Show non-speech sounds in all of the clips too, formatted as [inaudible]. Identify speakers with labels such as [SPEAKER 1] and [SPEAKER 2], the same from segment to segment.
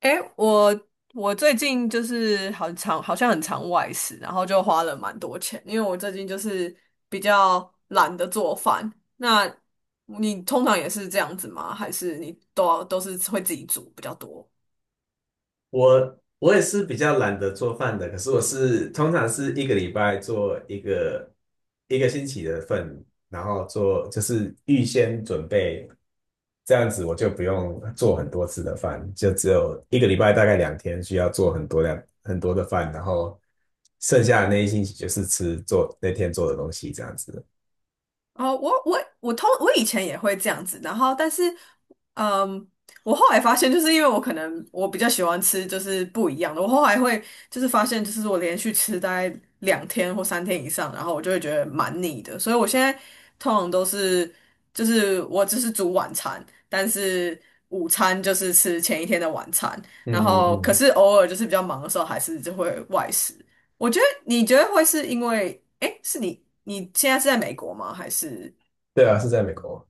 [SPEAKER 1] 诶，我最近就是很常，好像很常外食，然后就花了蛮多钱，因为我最近就是比较懒得做饭。那你通常也是这样子吗？还是你都是会自己煮比较多？
[SPEAKER 2] 我也是比较懒得做饭的，可是我通常是一个礼拜做一个星期的份，然后做就是预先准备，这样子我就不用做很多次的饭，就只有一个礼拜大概两天需要做很多量很多的饭，然后剩下的那一星期就是吃做那天做的东西这样子。
[SPEAKER 1] 哦，我以前也会这样子，然后但是，嗯，我后来发现，就是因为我可能我比较喜欢吃就是不一样的，我后来会就是发现，就是我连续吃大概两天或三天以上，然后我就会觉得蛮腻的，所以我现在通常都是就是我只是煮晚餐，但是午餐就是吃前一天的晚餐，然
[SPEAKER 2] 嗯嗯
[SPEAKER 1] 后可
[SPEAKER 2] 嗯，
[SPEAKER 1] 是偶尔就是比较忙的时候，还是就会外食。我觉得你觉得会是因为，哎，你现在是在美国吗？还是
[SPEAKER 2] 对啊，是在美国。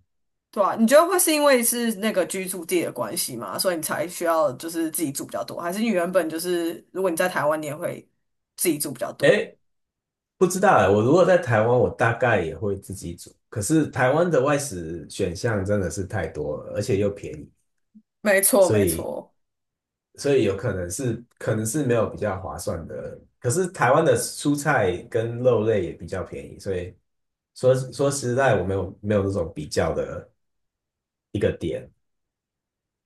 [SPEAKER 1] 对啊？你觉得会是因为是那个居住地的关系吗？所以你才需要就是自己住比较多，还是你原本就是如果你在台湾，你也会自己住比较多？
[SPEAKER 2] 哎，不知道哎，我如果在台湾，我大概也会自己煮。可是台湾的外食选项真的是太多了，而且又便宜，
[SPEAKER 1] 没错，
[SPEAKER 2] 所
[SPEAKER 1] 没
[SPEAKER 2] 以
[SPEAKER 1] 错。
[SPEAKER 2] 所以有可能是没有比较划算的。可是台湾的蔬菜跟肉类也比较便宜，所以说实在，我没有那种比较的一个点。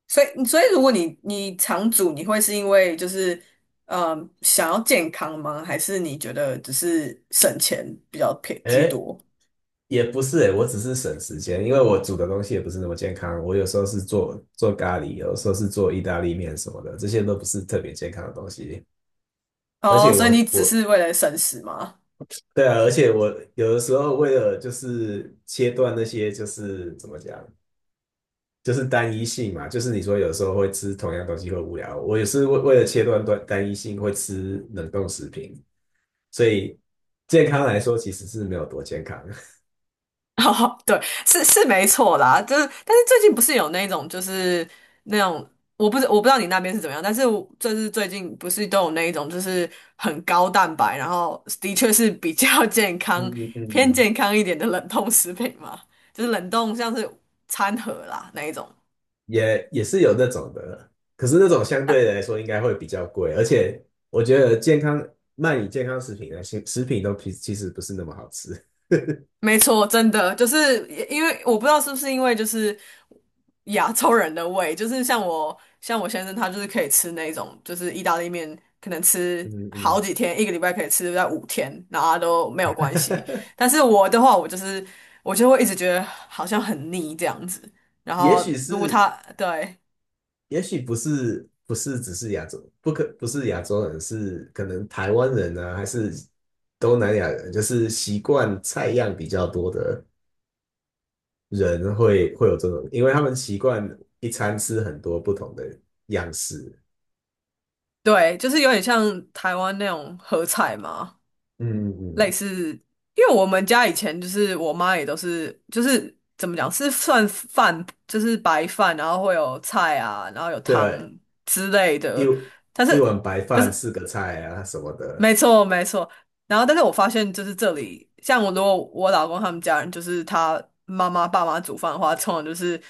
[SPEAKER 1] 所以如果你常煮，你会是因为就是想要健康吗？还是你觉得只是省钱比较偏居
[SPEAKER 2] 哎，
[SPEAKER 1] 多？
[SPEAKER 2] 也不是哎，我只是省时间，因为我煮的东西也不是那么健康。我有时候是做咖喱，有时候是做意大利面什么的，这些都不是特别健康的东西。而
[SPEAKER 1] 哦，
[SPEAKER 2] 且
[SPEAKER 1] 所以你
[SPEAKER 2] 我
[SPEAKER 1] 只
[SPEAKER 2] 我
[SPEAKER 1] 是为了省食吗？
[SPEAKER 2] 对啊，而且我有的时候为了就是切断那些就是怎么讲，就是单一性嘛，就是你说有时候会吃同样东西会无聊，我也是为了切断单一性会吃冷冻食品，所以健康来说其实是没有多健康，
[SPEAKER 1] [laughs] 哦，对，是是没错啦，就是，但是最近不是有那种，就是那种，我不知道你那边是怎么样，但是我就是最近不是都有那一种，就是很高蛋白，然后的确是比较 [laughs] 健
[SPEAKER 2] [laughs]
[SPEAKER 1] 康、
[SPEAKER 2] 嗯
[SPEAKER 1] 偏
[SPEAKER 2] 嗯，
[SPEAKER 1] 健康一点的冷冻食品嘛，就是冷冻像是餐盒啦那一种。
[SPEAKER 2] 也是有那种的，可是那种相对来说应该会比较贵，而且我觉得卖你健康食品的食品都其实不是那么好吃。
[SPEAKER 1] 没错，真的就是因为我不知道是不是因为就是亚洲人的胃，就是像我先生他就是可以吃那种就是意大利面，可能吃
[SPEAKER 2] 嗯
[SPEAKER 1] 好
[SPEAKER 2] 嗯，
[SPEAKER 1] 几天，一个礼拜可以吃在五天，然后他都没有关系。
[SPEAKER 2] [laughs]
[SPEAKER 1] 但是我的话，我就是我就会一直觉得好像很腻这样子。然
[SPEAKER 2] 也
[SPEAKER 1] 后
[SPEAKER 2] 许
[SPEAKER 1] 如果
[SPEAKER 2] 是，
[SPEAKER 1] 他对
[SPEAKER 2] 也许不是只是亚洲，不是亚洲人，是可能台湾人啊，还是东南亚人，就是习惯菜样比较多的人会有这种，因为他们习惯一餐吃很多不同的样式。
[SPEAKER 1] 对，就是有点像台湾那种合菜嘛，
[SPEAKER 2] 嗯嗯
[SPEAKER 1] 类
[SPEAKER 2] 嗯，
[SPEAKER 1] 似，因为我们家以前就是我妈也都是，就是怎么讲，是算饭，就是白饭，然后会有菜啊，然后有汤
[SPEAKER 2] 对，
[SPEAKER 1] 之类
[SPEAKER 2] 一
[SPEAKER 1] 的。但
[SPEAKER 2] 一
[SPEAKER 1] 是，
[SPEAKER 2] 碗白
[SPEAKER 1] 可
[SPEAKER 2] 饭
[SPEAKER 1] 是
[SPEAKER 2] 四个菜啊什么的，
[SPEAKER 1] 没错没错。然后，但是我发现就是这里，像我如果我老公他们家人，就是他妈妈爸妈煮饭的话，通常就是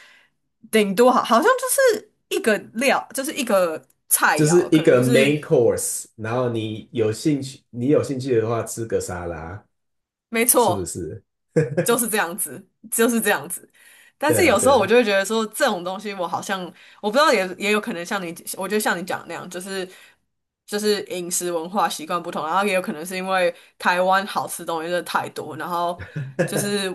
[SPEAKER 1] 顶多好好像就是一个料，就是一个菜
[SPEAKER 2] 就是
[SPEAKER 1] 肴，可
[SPEAKER 2] 一
[SPEAKER 1] 能
[SPEAKER 2] 个
[SPEAKER 1] 就是
[SPEAKER 2] main course,然后你有兴趣的话吃个沙拉，
[SPEAKER 1] 没
[SPEAKER 2] 是不
[SPEAKER 1] 错。
[SPEAKER 2] 是？
[SPEAKER 1] 就
[SPEAKER 2] [laughs]
[SPEAKER 1] 是这样子，就是这样子。但
[SPEAKER 2] 对
[SPEAKER 1] 是
[SPEAKER 2] 啊，
[SPEAKER 1] 有时
[SPEAKER 2] 对
[SPEAKER 1] 候我
[SPEAKER 2] 啊，
[SPEAKER 1] 就会觉得说，这种东西我好像我不知道也，也有可能像你，我觉得像你讲的那样，就是就是饮食文化习惯不同，然后也有可能是因为台湾好吃东西真的太多，然后就是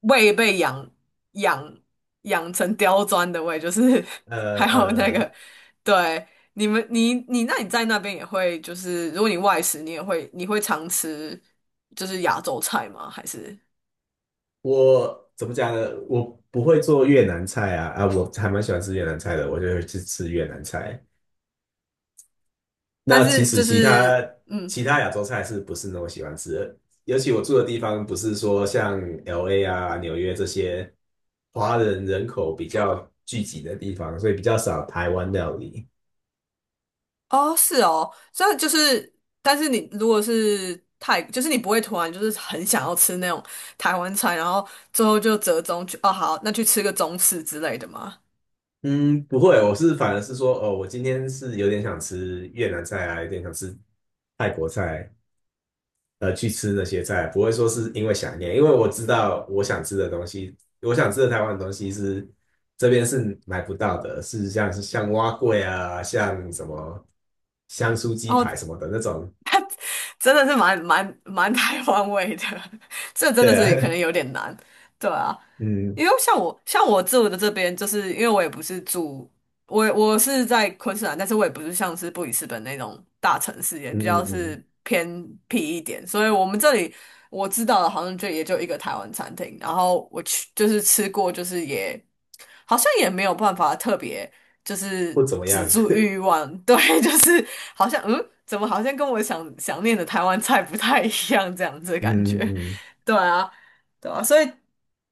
[SPEAKER 1] 胃被养养成刁钻的胃，就是
[SPEAKER 2] [laughs] 呃
[SPEAKER 1] [laughs] 还有
[SPEAKER 2] 呃。
[SPEAKER 1] 那个
[SPEAKER 2] 呃
[SPEAKER 1] 对你们你你那你在那边也会就是如果你外食，你会常吃就是亚洲菜吗？还是？
[SPEAKER 2] 我怎么讲呢？我不会做越南菜啊，啊，我还蛮喜欢吃越南菜的，我就会去吃越南菜。
[SPEAKER 1] 但
[SPEAKER 2] 那其
[SPEAKER 1] 是
[SPEAKER 2] 实
[SPEAKER 1] 就是，
[SPEAKER 2] 其他亚洲菜是不是那么喜欢吃的？尤其我住的地方不是说像 LA 啊、纽约这些华人人口比较聚集的地方，所以比较少台湾料理。
[SPEAKER 1] 哦，是哦，所以就是，但是你如果是太，就是你不会突然就是很想要吃那种台湾菜，然后最后就折中去，哦，好，那去吃个中式之类的嘛，
[SPEAKER 2] 嗯，不会，我是反而是说，哦，我今天是有点想吃越南菜啊，有点想吃泰国菜，去吃那些菜，不会说是因为想念，因为我知道我想吃的东西，我想吃的台湾的东西这边是买不到的，是像蛙桂啊，像什么香酥鸡排
[SPEAKER 1] 哦。
[SPEAKER 2] 什么的那种，
[SPEAKER 1] 真的是蛮台湾味的，[laughs] 这真
[SPEAKER 2] 对
[SPEAKER 1] 的
[SPEAKER 2] 啊，
[SPEAKER 1] 是可能有点难，对啊，
[SPEAKER 2] [laughs] 嗯
[SPEAKER 1] 因为像我住的这边，就是因为我也不是住，我是在昆士兰，但是我也不是像是布里斯本那种大城市，也比较
[SPEAKER 2] 嗯，
[SPEAKER 1] 是偏僻一点，所以我们这里我知道的好像就也就一个台湾餐厅，然后我去就是吃过，就是也。好像也没有办法特别就是
[SPEAKER 2] 不怎么
[SPEAKER 1] 止
[SPEAKER 2] 样，
[SPEAKER 1] 住欲望，[laughs] 对，就是好像怎么好像跟我想念的台湾菜不太一样这样子的感
[SPEAKER 2] 嗯
[SPEAKER 1] 觉，
[SPEAKER 2] 嗯嗯，嗯
[SPEAKER 1] 对啊，对啊，所以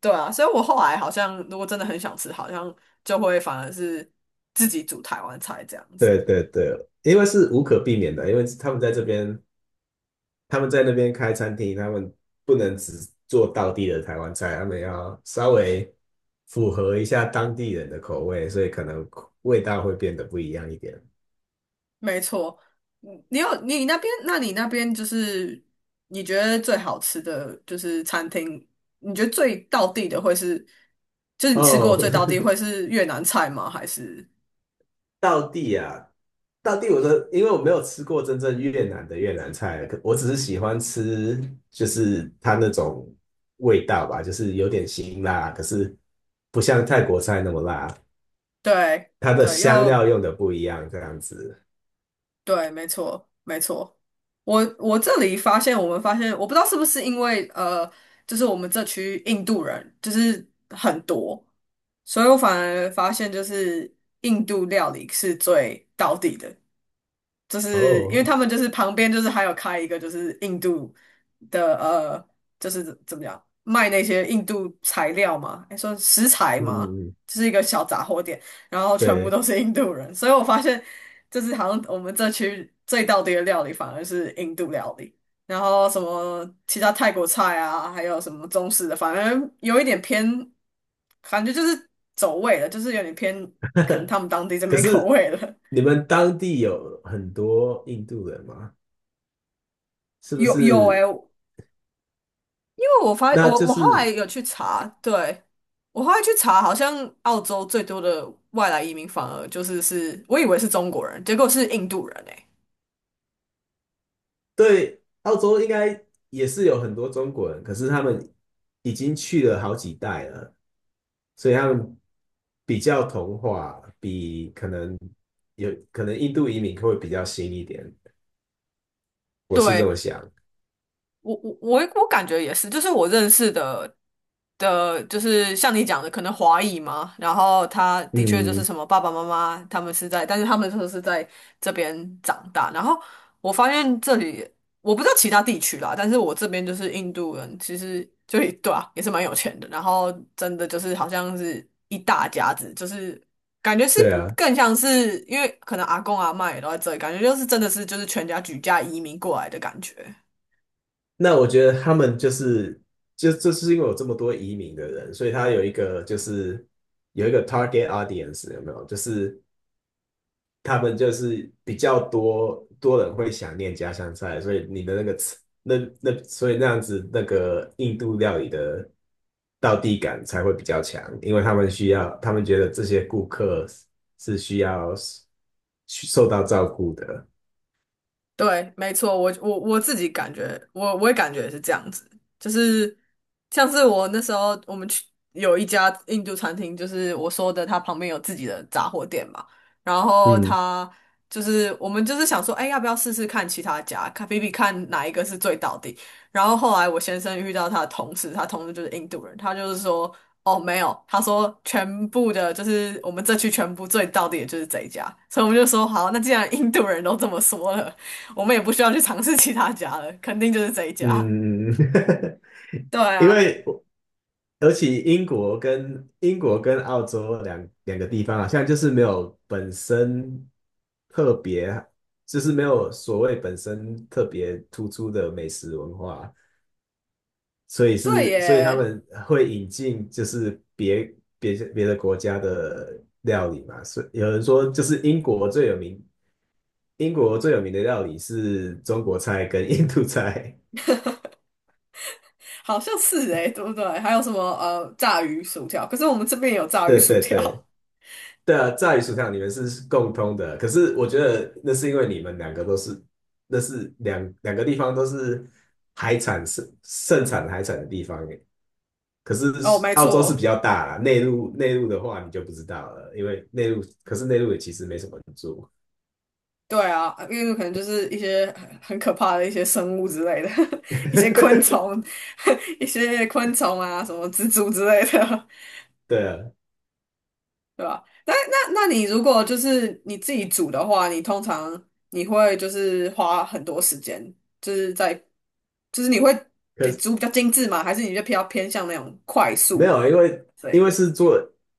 [SPEAKER 1] 对啊，所以我后来好像如果真的很想吃，好像就会反而是自己煮台湾菜这样子。
[SPEAKER 2] 对对对，因为是无可避免的，因为他们在那边开餐厅，他们不能只做道地的台湾菜，他们要稍微符合一下当地人的口味，所以可能味道会变得不一样一点。
[SPEAKER 1] 没错，你有你那边，那你那边就是你觉得最好吃的就是餐厅，你觉得最到地的会是，就是你吃过
[SPEAKER 2] 哦，
[SPEAKER 1] 最到地会是越南菜吗？还是
[SPEAKER 2] [laughs] 道地啊，道地，我说，因为我没有吃过真正越南的越南菜，可我只是喜欢吃，就是它那种味道吧，就是有点辛辣，可是不像泰国菜那么辣，
[SPEAKER 1] 对
[SPEAKER 2] 它的
[SPEAKER 1] 对
[SPEAKER 2] 香
[SPEAKER 1] 又
[SPEAKER 2] 料用的不一样，这样子。
[SPEAKER 1] 对，没错没错。我我这里发现，我们发现，我不知道是不是因为就是我们这区印度人就是很多，所以我反而发现就是印度料理是最到地的。就是因为他
[SPEAKER 2] 哦，
[SPEAKER 1] 们就是旁边就是还有开一个就是印度的就是怎么样卖那些印度材料嘛，哎，说食材
[SPEAKER 2] 嗯，
[SPEAKER 1] 嘛，
[SPEAKER 2] 嗯嗯
[SPEAKER 1] 就是一个小杂货店，然后全部
[SPEAKER 2] 对。
[SPEAKER 1] 都是印度人，所以我发现就是好像我们这区最道地的料理反而是印度料理，然后什么其他泰国菜啊，还有什么中式的，反而有一点偏，感觉就是走味了，就是有点偏可能他们当地这
[SPEAKER 2] 可
[SPEAKER 1] 边口
[SPEAKER 2] 是
[SPEAKER 1] 味了。
[SPEAKER 2] 你们当地有很多印度人吗？
[SPEAKER 1] [laughs]
[SPEAKER 2] 是不
[SPEAKER 1] 有有诶、
[SPEAKER 2] 是？
[SPEAKER 1] 因为我发
[SPEAKER 2] 那
[SPEAKER 1] 我
[SPEAKER 2] 就
[SPEAKER 1] 我后来
[SPEAKER 2] 是
[SPEAKER 1] 有去查，对，我后来去查，好像澳洲最多的外来移民反而就是是我以为是中国人，结果是印度人诶、
[SPEAKER 2] 对澳洲应该也是有很多中国人，可是他们已经去了好几代了，所以他们比较同化，可能有可能印度移民会比较新一点，我是这
[SPEAKER 1] 对
[SPEAKER 2] 么想。
[SPEAKER 1] 我感觉也是，就是我认识的的，就是像你讲的，可能华裔嘛，然后他的确就是
[SPEAKER 2] 嗯，
[SPEAKER 1] 什么爸爸妈妈他们是在，但是他们都是在这边长大，然后我发现这里我不知道其他地区啦，但是我这边就是印度人，其实就也对啊，也是蛮有钱的，然后真的就是好像是一大家子，就是感觉是
[SPEAKER 2] 对啊。
[SPEAKER 1] 更像是因为可能阿公阿嬷也都在这里，感觉就是真的是就是全家举家移民过来的感觉。
[SPEAKER 2] 那我觉得他们就是，就是因为有这么多移民的人，所以他有一个就是有一个 target audience 有没有？就是他们就是比较多人会想念家乡菜，所以你的那个吃那那所以那样子那个印度料理的道地感才会比较强，因为他们需要他们觉得这些顾客是需要受到照顾的。
[SPEAKER 1] 对，没错，我自己感觉，我也感觉也是这样子，就是像是我那时候我们去有一家印度餐厅，就是我说的，它旁边有自己的杂货店嘛，然后
[SPEAKER 2] 嗯
[SPEAKER 1] 他就是我们就是想说，哎，要不要试试看其他家，看比比看哪一个是最到底。然后后来我先生遇到他的同事，他同事就是印度人，他就是说，哦，没有，他说全部的，就是我们这区全部最到底的就是这一家，所以我们就说，好，那既然印度人都这么说了。我们也不需要去尝试其他家了，肯定就是这一家。
[SPEAKER 2] 嗯，
[SPEAKER 1] 对
[SPEAKER 2] [laughs] 因
[SPEAKER 1] 啊，
[SPEAKER 2] 为尤其英国跟澳洲两个地方好像就是没有本身特别，就是没有所谓本身特别突出的美食文化，所以
[SPEAKER 1] 对
[SPEAKER 2] 是所以他
[SPEAKER 1] 耶，
[SPEAKER 2] 们会引进就是别的国家的料理嘛，所以有人说就是英国最有名的料理是中国菜跟印度菜，
[SPEAKER 1] 好像是诶，对不对？还有什么炸鱼薯条？可是我们这边也有
[SPEAKER 2] [laughs]
[SPEAKER 1] 炸鱼
[SPEAKER 2] 对
[SPEAKER 1] 薯
[SPEAKER 2] 对
[SPEAKER 1] 条。
[SPEAKER 2] 对。对啊，炸鱼薯条你们是共通的，可是我觉得那是因为你们两个都是，那是两个地方都是海产盛产海产的地方耶。可是
[SPEAKER 1] [laughs] 哦，没
[SPEAKER 2] 澳洲是比
[SPEAKER 1] 错，
[SPEAKER 2] 较大啦，内陆的话你就不知道了，因为内陆可是内陆也其实没什么人住。
[SPEAKER 1] 对啊，因为可能就是一些很可怕的一些生物之类的，[laughs] 一些昆虫，
[SPEAKER 2] [laughs]
[SPEAKER 1] [laughs] 一些昆虫啊，什么蜘蛛之类的。
[SPEAKER 2] 对啊，
[SPEAKER 1] 对吧？那你如果就是你自己煮的话，你通常你会就是花很多时间，就是在就是你会
[SPEAKER 2] 可是
[SPEAKER 1] 比较精致吗？还是你就比较偏向那种快
[SPEAKER 2] 没
[SPEAKER 1] 速？
[SPEAKER 2] 有，因为因为
[SPEAKER 1] 对，
[SPEAKER 2] 是做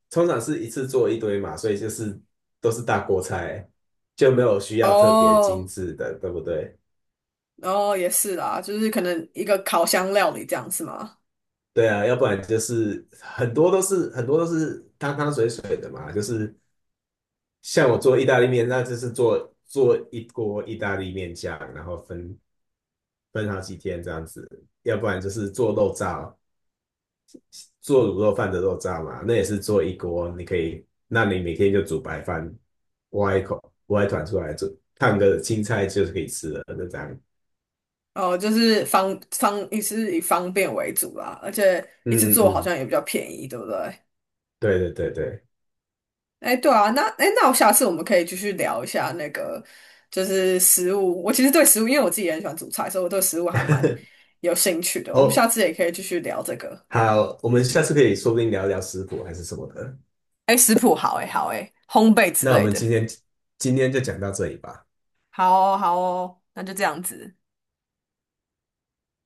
[SPEAKER 2] 通常是一次做一堆嘛，所以就是都是大锅菜，就没有需要特别精
[SPEAKER 1] 哦
[SPEAKER 2] 致的，对不对？
[SPEAKER 1] 哦也是啦，就是可能一个烤箱料理这样是吗？
[SPEAKER 2] 对啊，要不然就是很多都是汤汤水水的嘛，就是像我做意大利面，那就是做一锅意大利面酱，然后分好几天这样子，要不然就是做肉燥，做卤肉饭的肉燥嘛，那也是做一锅，你可以，那你每天就煮白饭，挖一口挖一团出来，煮，烫个青菜就是可以吃了，就这样。
[SPEAKER 1] 哦，就是方也是以方便为主啦，而且一次
[SPEAKER 2] 嗯嗯
[SPEAKER 1] 做好
[SPEAKER 2] 嗯，
[SPEAKER 1] 像也比较便宜，对不对？
[SPEAKER 2] 对对对对，
[SPEAKER 1] 哎，对啊，那哎，那我下次我们可以继续聊一下那个，就是食物。我其实对食物，因为我自己也很喜欢煮菜，所以我对食物还蛮
[SPEAKER 2] [laughs]
[SPEAKER 1] 有兴趣的。我们下
[SPEAKER 2] 哦，
[SPEAKER 1] 次也可以继续聊这个。
[SPEAKER 2] 好，我们下次可以说不定聊聊食谱还是什么的。
[SPEAKER 1] 哎，食谱好哎，好哎，烘焙之
[SPEAKER 2] 那我
[SPEAKER 1] 类
[SPEAKER 2] 们
[SPEAKER 1] 的，
[SPEAKER 2] 今天就讲到这里吧。
[SPEAKER 1] 好哦，好哦，那就这样子。